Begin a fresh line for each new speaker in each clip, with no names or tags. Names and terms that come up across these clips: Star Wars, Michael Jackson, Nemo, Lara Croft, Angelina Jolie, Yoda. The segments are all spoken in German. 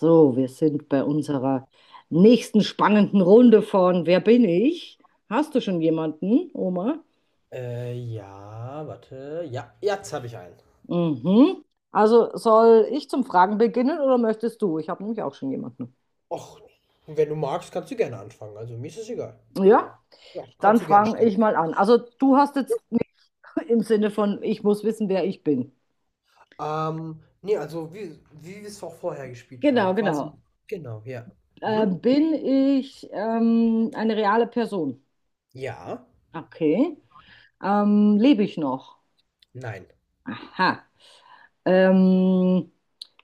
So, wir sind bei unserer nächsten spannenden Runde von Wer bin ich? Hast du schon jemanden, Oma?
Ja, warte. Ja, jetzt habe ich einen.
Mhm. Also soll ich zum Fragen beginnen oder möchtest du? Ich habe nämlich auch schon jemanden.
Och, wenn du magst, kannst du gerne anfangen. Also mir ist es egal.
Ja,
Ja,
dann
kannst du gerne
frage ich
starten.
mal an. Also du hast jetzt nicht im Sinne von, ich muss wissen, wer ich bin.
Nee, also wie wir es auch vorher gespielt haben.
Genau,
Quasi.
genau.
Genau, ja. Mhm.
Bin ich eine reale Person?
Ja.
Okay. Lebe ich noch?
Nein.
Aha. Ähm,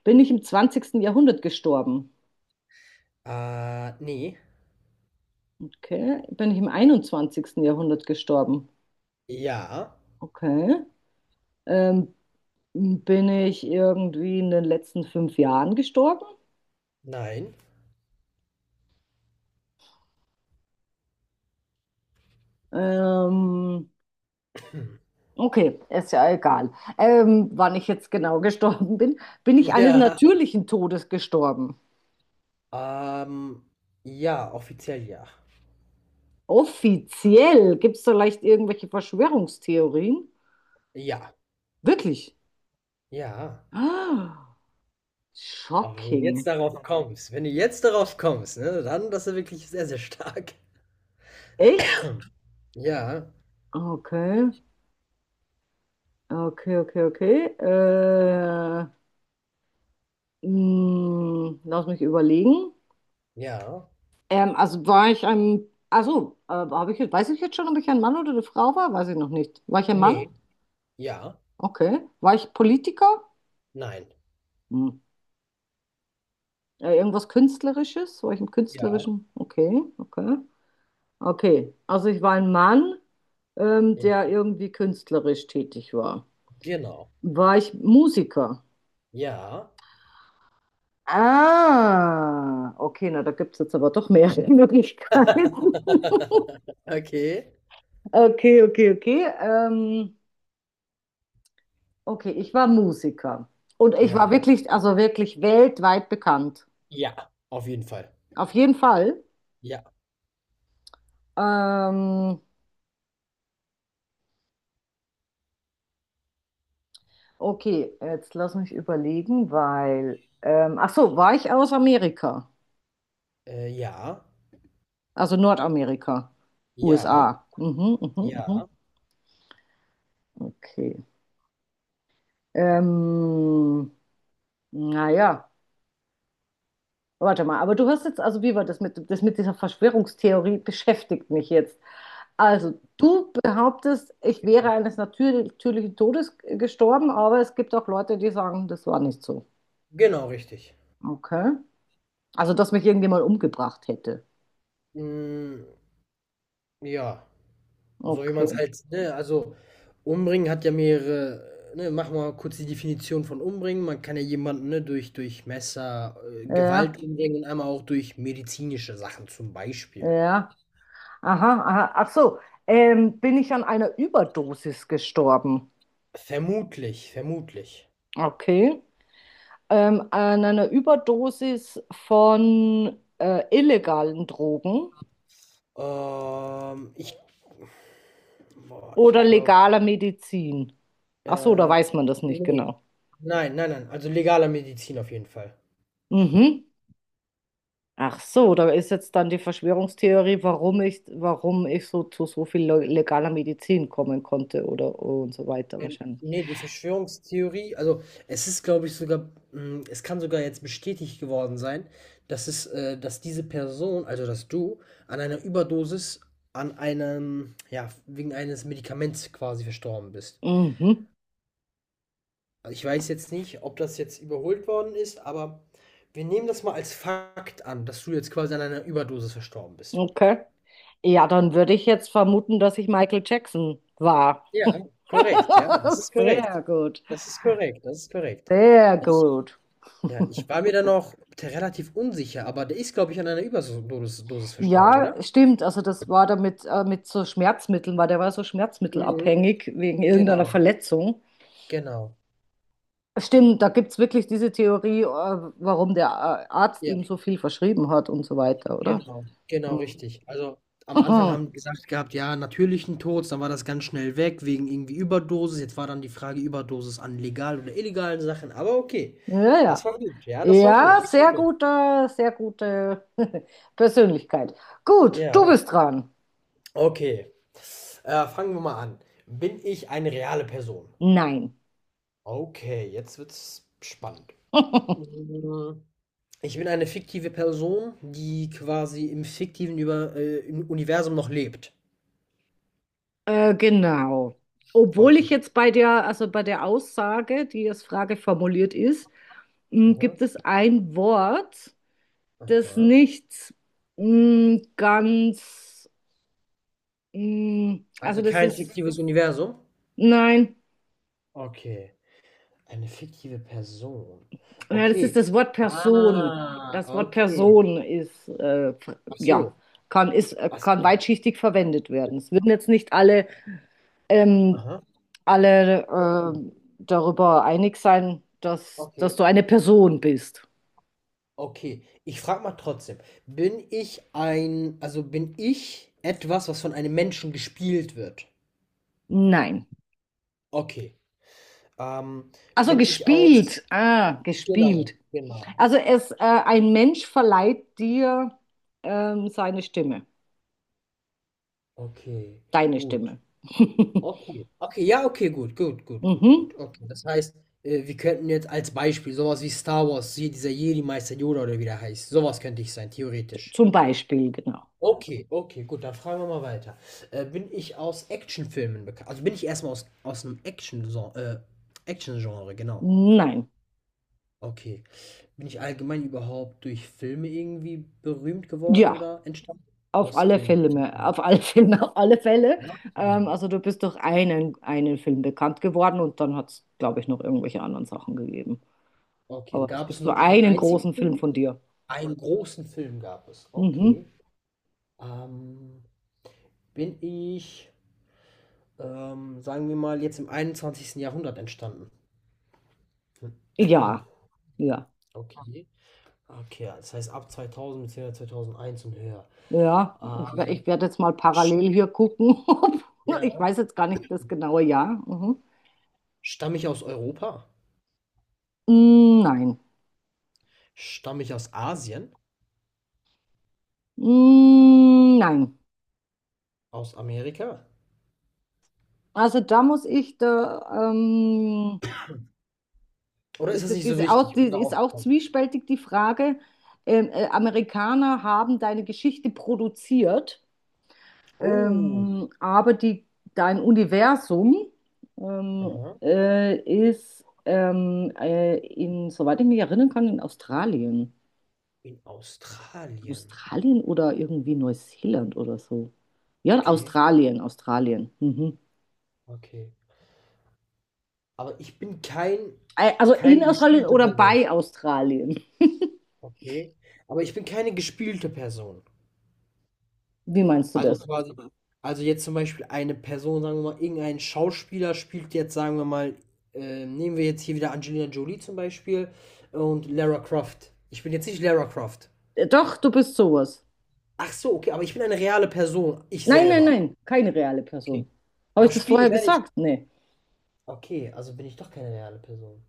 Bin ich im 20. Jahrhundert gestorben?
Nee.
Okay. Bin ich im 21. Jahrhundert gestorben?
Ja.
Okay. Ähm, Bin ich irgendwie in den letzten 5 Jahren gestorben?
Nein.
Ähm, okay, ist ja egal, wann ich jetzt genau gestorben bin. Bin ich eines
Ja.
natürlichen Todes gestorben?
Ähm, ja, offiziell ja.
Offiziell gibt es vielleicht irgendwelche Verschwörungstheorien?
Ja.
Wirklich?
Ja.
Ah,
Aber wenn du jetzt
shocking.
darauf kommst, wenn du jetzt darauf kommst, ne, dann, das ist wirklich sehr, sehr stark.
Echt?
Ja.
Okay. Okay, okay, okay. Mh, lass mich überlegen.
Ja,
Also war ich ein, also Habe ich, weiß ich jetzt schon, ob ich ein Mann oder eine Frau war? Weiß ich noch nicht. War ich ein
ne,
Mann?
ja,
Okay. War ich Politiker?
nein,
Hm. Irgendwas Künstlerisches? War ich im
ja,
Künstlerischen? Okay, okay. Okay. Also ich war ein Mann,
ja,
der irgendwie künstlerisch tätig war.
genau,
War ich Musiker?
ja,
Ah, okay, na, da gibt es jetzt aber doch mehrere Möglichkeiten.
okay,
Okay, okay, okay. Okay, ich war Musiker. Und ich
ja,
war wirklich, also wirklich weltweit bekannt.
ja, auf jeden Fall,
Auf jeden Fall.
ja,
Ähm, okay, jetzt lass mich überlegen, weil, ach so, war ich aus Amerika?
ja,
Also Nordamerika,
ja,
USA. Mhm, mhm, mhm.
ja,
Okay. Ähm, naja, warte mal, aber du hast jetzt, also wie war das mit dieser Verschwörungstheorie beschäftigt mich jetzt. Also, du behauptest, ich wäre eines natürlichen Todes gestorben, aber es gibt auch Leute, die sagen, das war nicht so.
genau richtig.
Okay. Also, dass mich irgendjemand umgebracht hätte.
Mm, ja, so jemand
Okay.
halt, ne, also umbringen hat ja mehrere, ne, mach mal kurz die Definition von umbringen. Man kann ja jemanden, ne, durch Messer,
Ja,
Gewalt umbringen und einmal auch durch medizinische Sachen zum Beispiel.
ja. Aha, aha. Ach so. Bin ich an einer Überdosis gestorben?
Vermutlich, vermutlich.
Okay. An einer Überdosis von illegalen Drogen
Ähm, ich Ich
oder
glaube,
legaler Medizin? Ach so, da
äh,
weiß man das nicht
ne.
genau.
Nein, nein, nein, also legaler Medizin auf jeden Fall.
Mhm. Ach so, da ist jetzt dann die Verschwörungstheorie, warum ich so zu so viel legaler Medizin kommen konnte oder und so weiter
Denn
wahrscheinlich.
ne, die Verschwörungstheorie also, es ist, glaube ich, sogar hm, es kann sogar jetzt bestätigt geworden sein, dass es dass diese Person, also dass du, an einer Überdosis an einem ja, wegen eines Medikaments quasi verstorben bist.
Mhm,
Also ich weiß jetzt nicht, ob das jetzt überholt worden ist, aber wir nehmen das mal als Fakt an, dass du jetzt quasi an einer Überdosis verstorben bist.
okay. Ja, dann würde ich jetzt vermuten, dass ich Michael Jackson war.
Ja. Korrekt, ja, das ist korrekt.
Sehr gut,
Das ist korrekt, das ist korrekt.
sehr
Ich,
gut.
ja, ich war mir da noch relativ unsicher, aber der ist, glaube ich, an einer Überdosis Dosis verstorben,
Ja,
oder?
stimmt. Also das war da mit so Schmerzmitteln, weil der war so
Mhm.
schmerzmittelabhängig wegen irgendeiner
Genau,
Verletzung.
genau.
Stimmt, da gibt es wirklich diese Theorie, warum der Arzt
Ja.
ihm so viel verschrieben hat und so weiter, oder?
Genau, genau
Mhm.
richtig. Also, am Anfang haben die gesagt gehabt: „Ja, natürlichen Tod“, dann war das ganz schnell weg wegen irgendwie Überdosis. Jetzt war dann die Frage Überdosis an legalen oder illegalen Sachen, aber okay.
Ja,
Das
ja.
war gut. Ja, das war gut.
Ja,
Das war gut.
sehr gute Persönlichkeit. Gut, du
Ja.
bist dran.
Okay. Fangen wir mal an. Bin ich eine reale Person?
Nein.
Okay, jetzt wird's spannend. Hm, ich bin eine fiktive Person, die quasi im fiktiven Über im Universum noch lebt.
Genau. Obwohl
Okay.
ich jetzt bei der, also bei der Aussage, die als Frage formuliert ist, m,
Aha,
gibt es ein Wort, das
aha.
nicht m, ganz, m, also
Also
das
kein
ist
fiktives Universum?
Nein,
Okay, eine fiktive Person.
ja, das ist
Okay.
das Wort Person.
Ah,
Das Wort
okay.
Person ist,
Ach
ja,
so,
kann, ist,
ach
kann
so.
weitschichtig verwendet werden. Es würden jetzt nicht alle, ähm,
Aha.
alle
Hm.
äh, darüber einig sein, dass, dass
Okay,
du eine Person bist.
okay. Ich frage mal trotzdem, also bin ich etwas, was von einem Menschen gespielt wird?
Nein.
Okay. Ähm,
Also
bin ich aus,
gespielt. Ah,
genau,
gespielt.
genau.
Also es, ein Mensch verleiht dir seine Stimme,
Okay,
deine
gut.
Stimme.
Okay, okay, ja, okay, gut, gut, gut, gut,
Mhm.
gut. Okay, das heißt, wir könnten jetzt als Beispiel sowas wie Star Wars, hier dieser Jedi-Meister Yoda oder wie der heißt, sowas könnte ich sein, theoretisch.
Zum Beispiel, genau.
Okay, okay, gut, dann fragen wir mal weiter. Bin ich aus Actionfilmen bekannt? Also bin ich erstmal aus einem Action-Genre, genau.
Nein.
Okay. Bin ich allgemein überhaupt durch Filme irgendwie berühmt geworden
Ja,
oder entstanden?
auf
Aus
alle
Filmen.
Filme, auf alle Filme, auf alle Fälle. Also du bist durch einen, einen Film bekannt geworden und dann hat es, glaube ich, noch irgendwelche anderen Sachen gegeben.
Okay,
Aber es
gab es
gibt so
nur einen
einen
einzigen
großen Film
Film?
von dir.
Einen großen Film gab es.
Mhm.
Okay. Ähm, bin ich, Sagen wir mal, jetzt im einundzwanzigsten Jahrhundert entstanden.
Ja, ja,
Okay. Okay, das heißt ab 2000, bzw. zweitausendeins und höher.
ja. Ich,
Ähm,
ich werde jetzt mal
sch-
parallel hier gucken. ob- Ich
ja.
weiß jetzt gar nicht das genaue Jahr. Mhm.
Stamme ich aus Europa?
Mm, Nein.
Stamme ich aus Asien?
Mm, Nein.
Aus Amerika?
Also da muss ich da,
Oder ist
ist,
das nicht so wichtig, um
ist
darauf zu
auch
kommen?
zwiespältig die Frage. Amerikaner haben deine Geschichte produziert,
Oh,
aber die, dein Universum ähm,
aha.
äh, ist, in, soweit ich mich erinnern kann, in Australien.
In Australien.
Australien oder irgendwie Neuseeland oder so. Ja,
Okay,
Australien, Australien. Mhm.
okay. Aber ich bin kein,
Also
keine
in Australien
gespielte
oder
Person.
bei Australien.
Okay. Aber ich bin keine gespielte Person.
Wie meinst du
Also Mhm.
das?
quasi, also jetzt zum Beispiel eine Person, sagen wir mal, irgendein Schauspieler spielt jetzt, sagen wir mal, nehmen wir jetzt hier wieder Angelina Jolie zum Beispiel und Lara Croft. Ich bin jetzt nicht Lara Croft.
Doch, du bist sowas.
Ach so, okay, aber ich bin eine reale Person, ich
Nein, nein,
selber.
nein, keine reale
Okay.
Person. Habe
Aber
ich das
Spiele
vorher
werde ich.
gesagt? Nee.
Okay, also bin ich doch keine reale Person.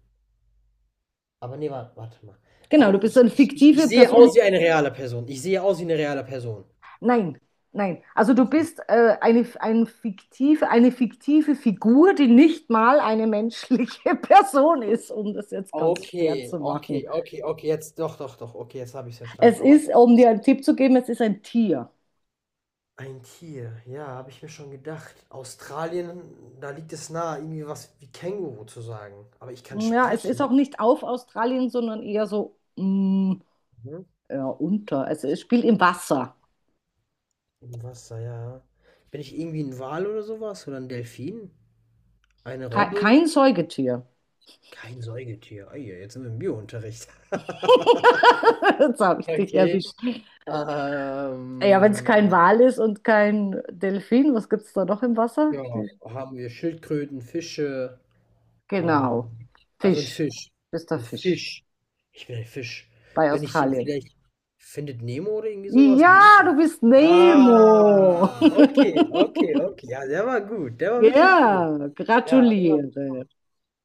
Aber nee, warte, warte mal.
Genau,
Aber
du bist eine
ich
fiktive
sehe
Person.
aus wie eine reale Person. Ich sehe aus wie eine reale Person.
Nein, nein. Also du bist eine fiktive Figur, die nicht mal eine menschliche Person ist, um das jetzt ganz schwer
Okay,
zu
okay,
machen.
okay, okay, jetzt doch, doch, doch, okay, jetzt habe ich es verstanden.
Es
Aber
ist, um dir einen Tipp zu geben, es ist ein Tier.
ein Tier, ja, habe ich mir schon gedacht. Australien, da liegt es nahe, irgendwie was wie Känguru zu sagen. Aber ich kann
Ja, es ist auch
sprechen.
nicht auf Australien, sondern eher so mm,
Mhm.
ja, unter. Es spielt im Wasser.
Im Wasser, ja. Bin ich irgendwie ein Wal oder sowas? Oder ein Delfin? Eine
Kein,
Robbe?
kein Säugetier.
Kein Säugetier. Ei, jetzt sind wir im Biounterricht.
Jetzt habe ich dich
Okay.
erwischt. Ja, wenn es
Ähm,
kein Wal ist und kein Delfin, was gibt es da noch im Wasser?
ja,
Die-
haben wir Schildkröten, Fische,
Genau.
Ähm, also ein
Fisch.
Fisch.
Bist der
Ein
Fisch.
Fisch. Ich bin ein Fisch.
Bei
Bin ich hier
Australien.
vielleicht Findet Nemo oder irgendwie sowas?
Ja,
Nemo?
du bist Nemo.
Ah, okay, okay, okay. Ja, der war gut. Der war wirklich gut.
Ja,
Ja, der war
gratuliere.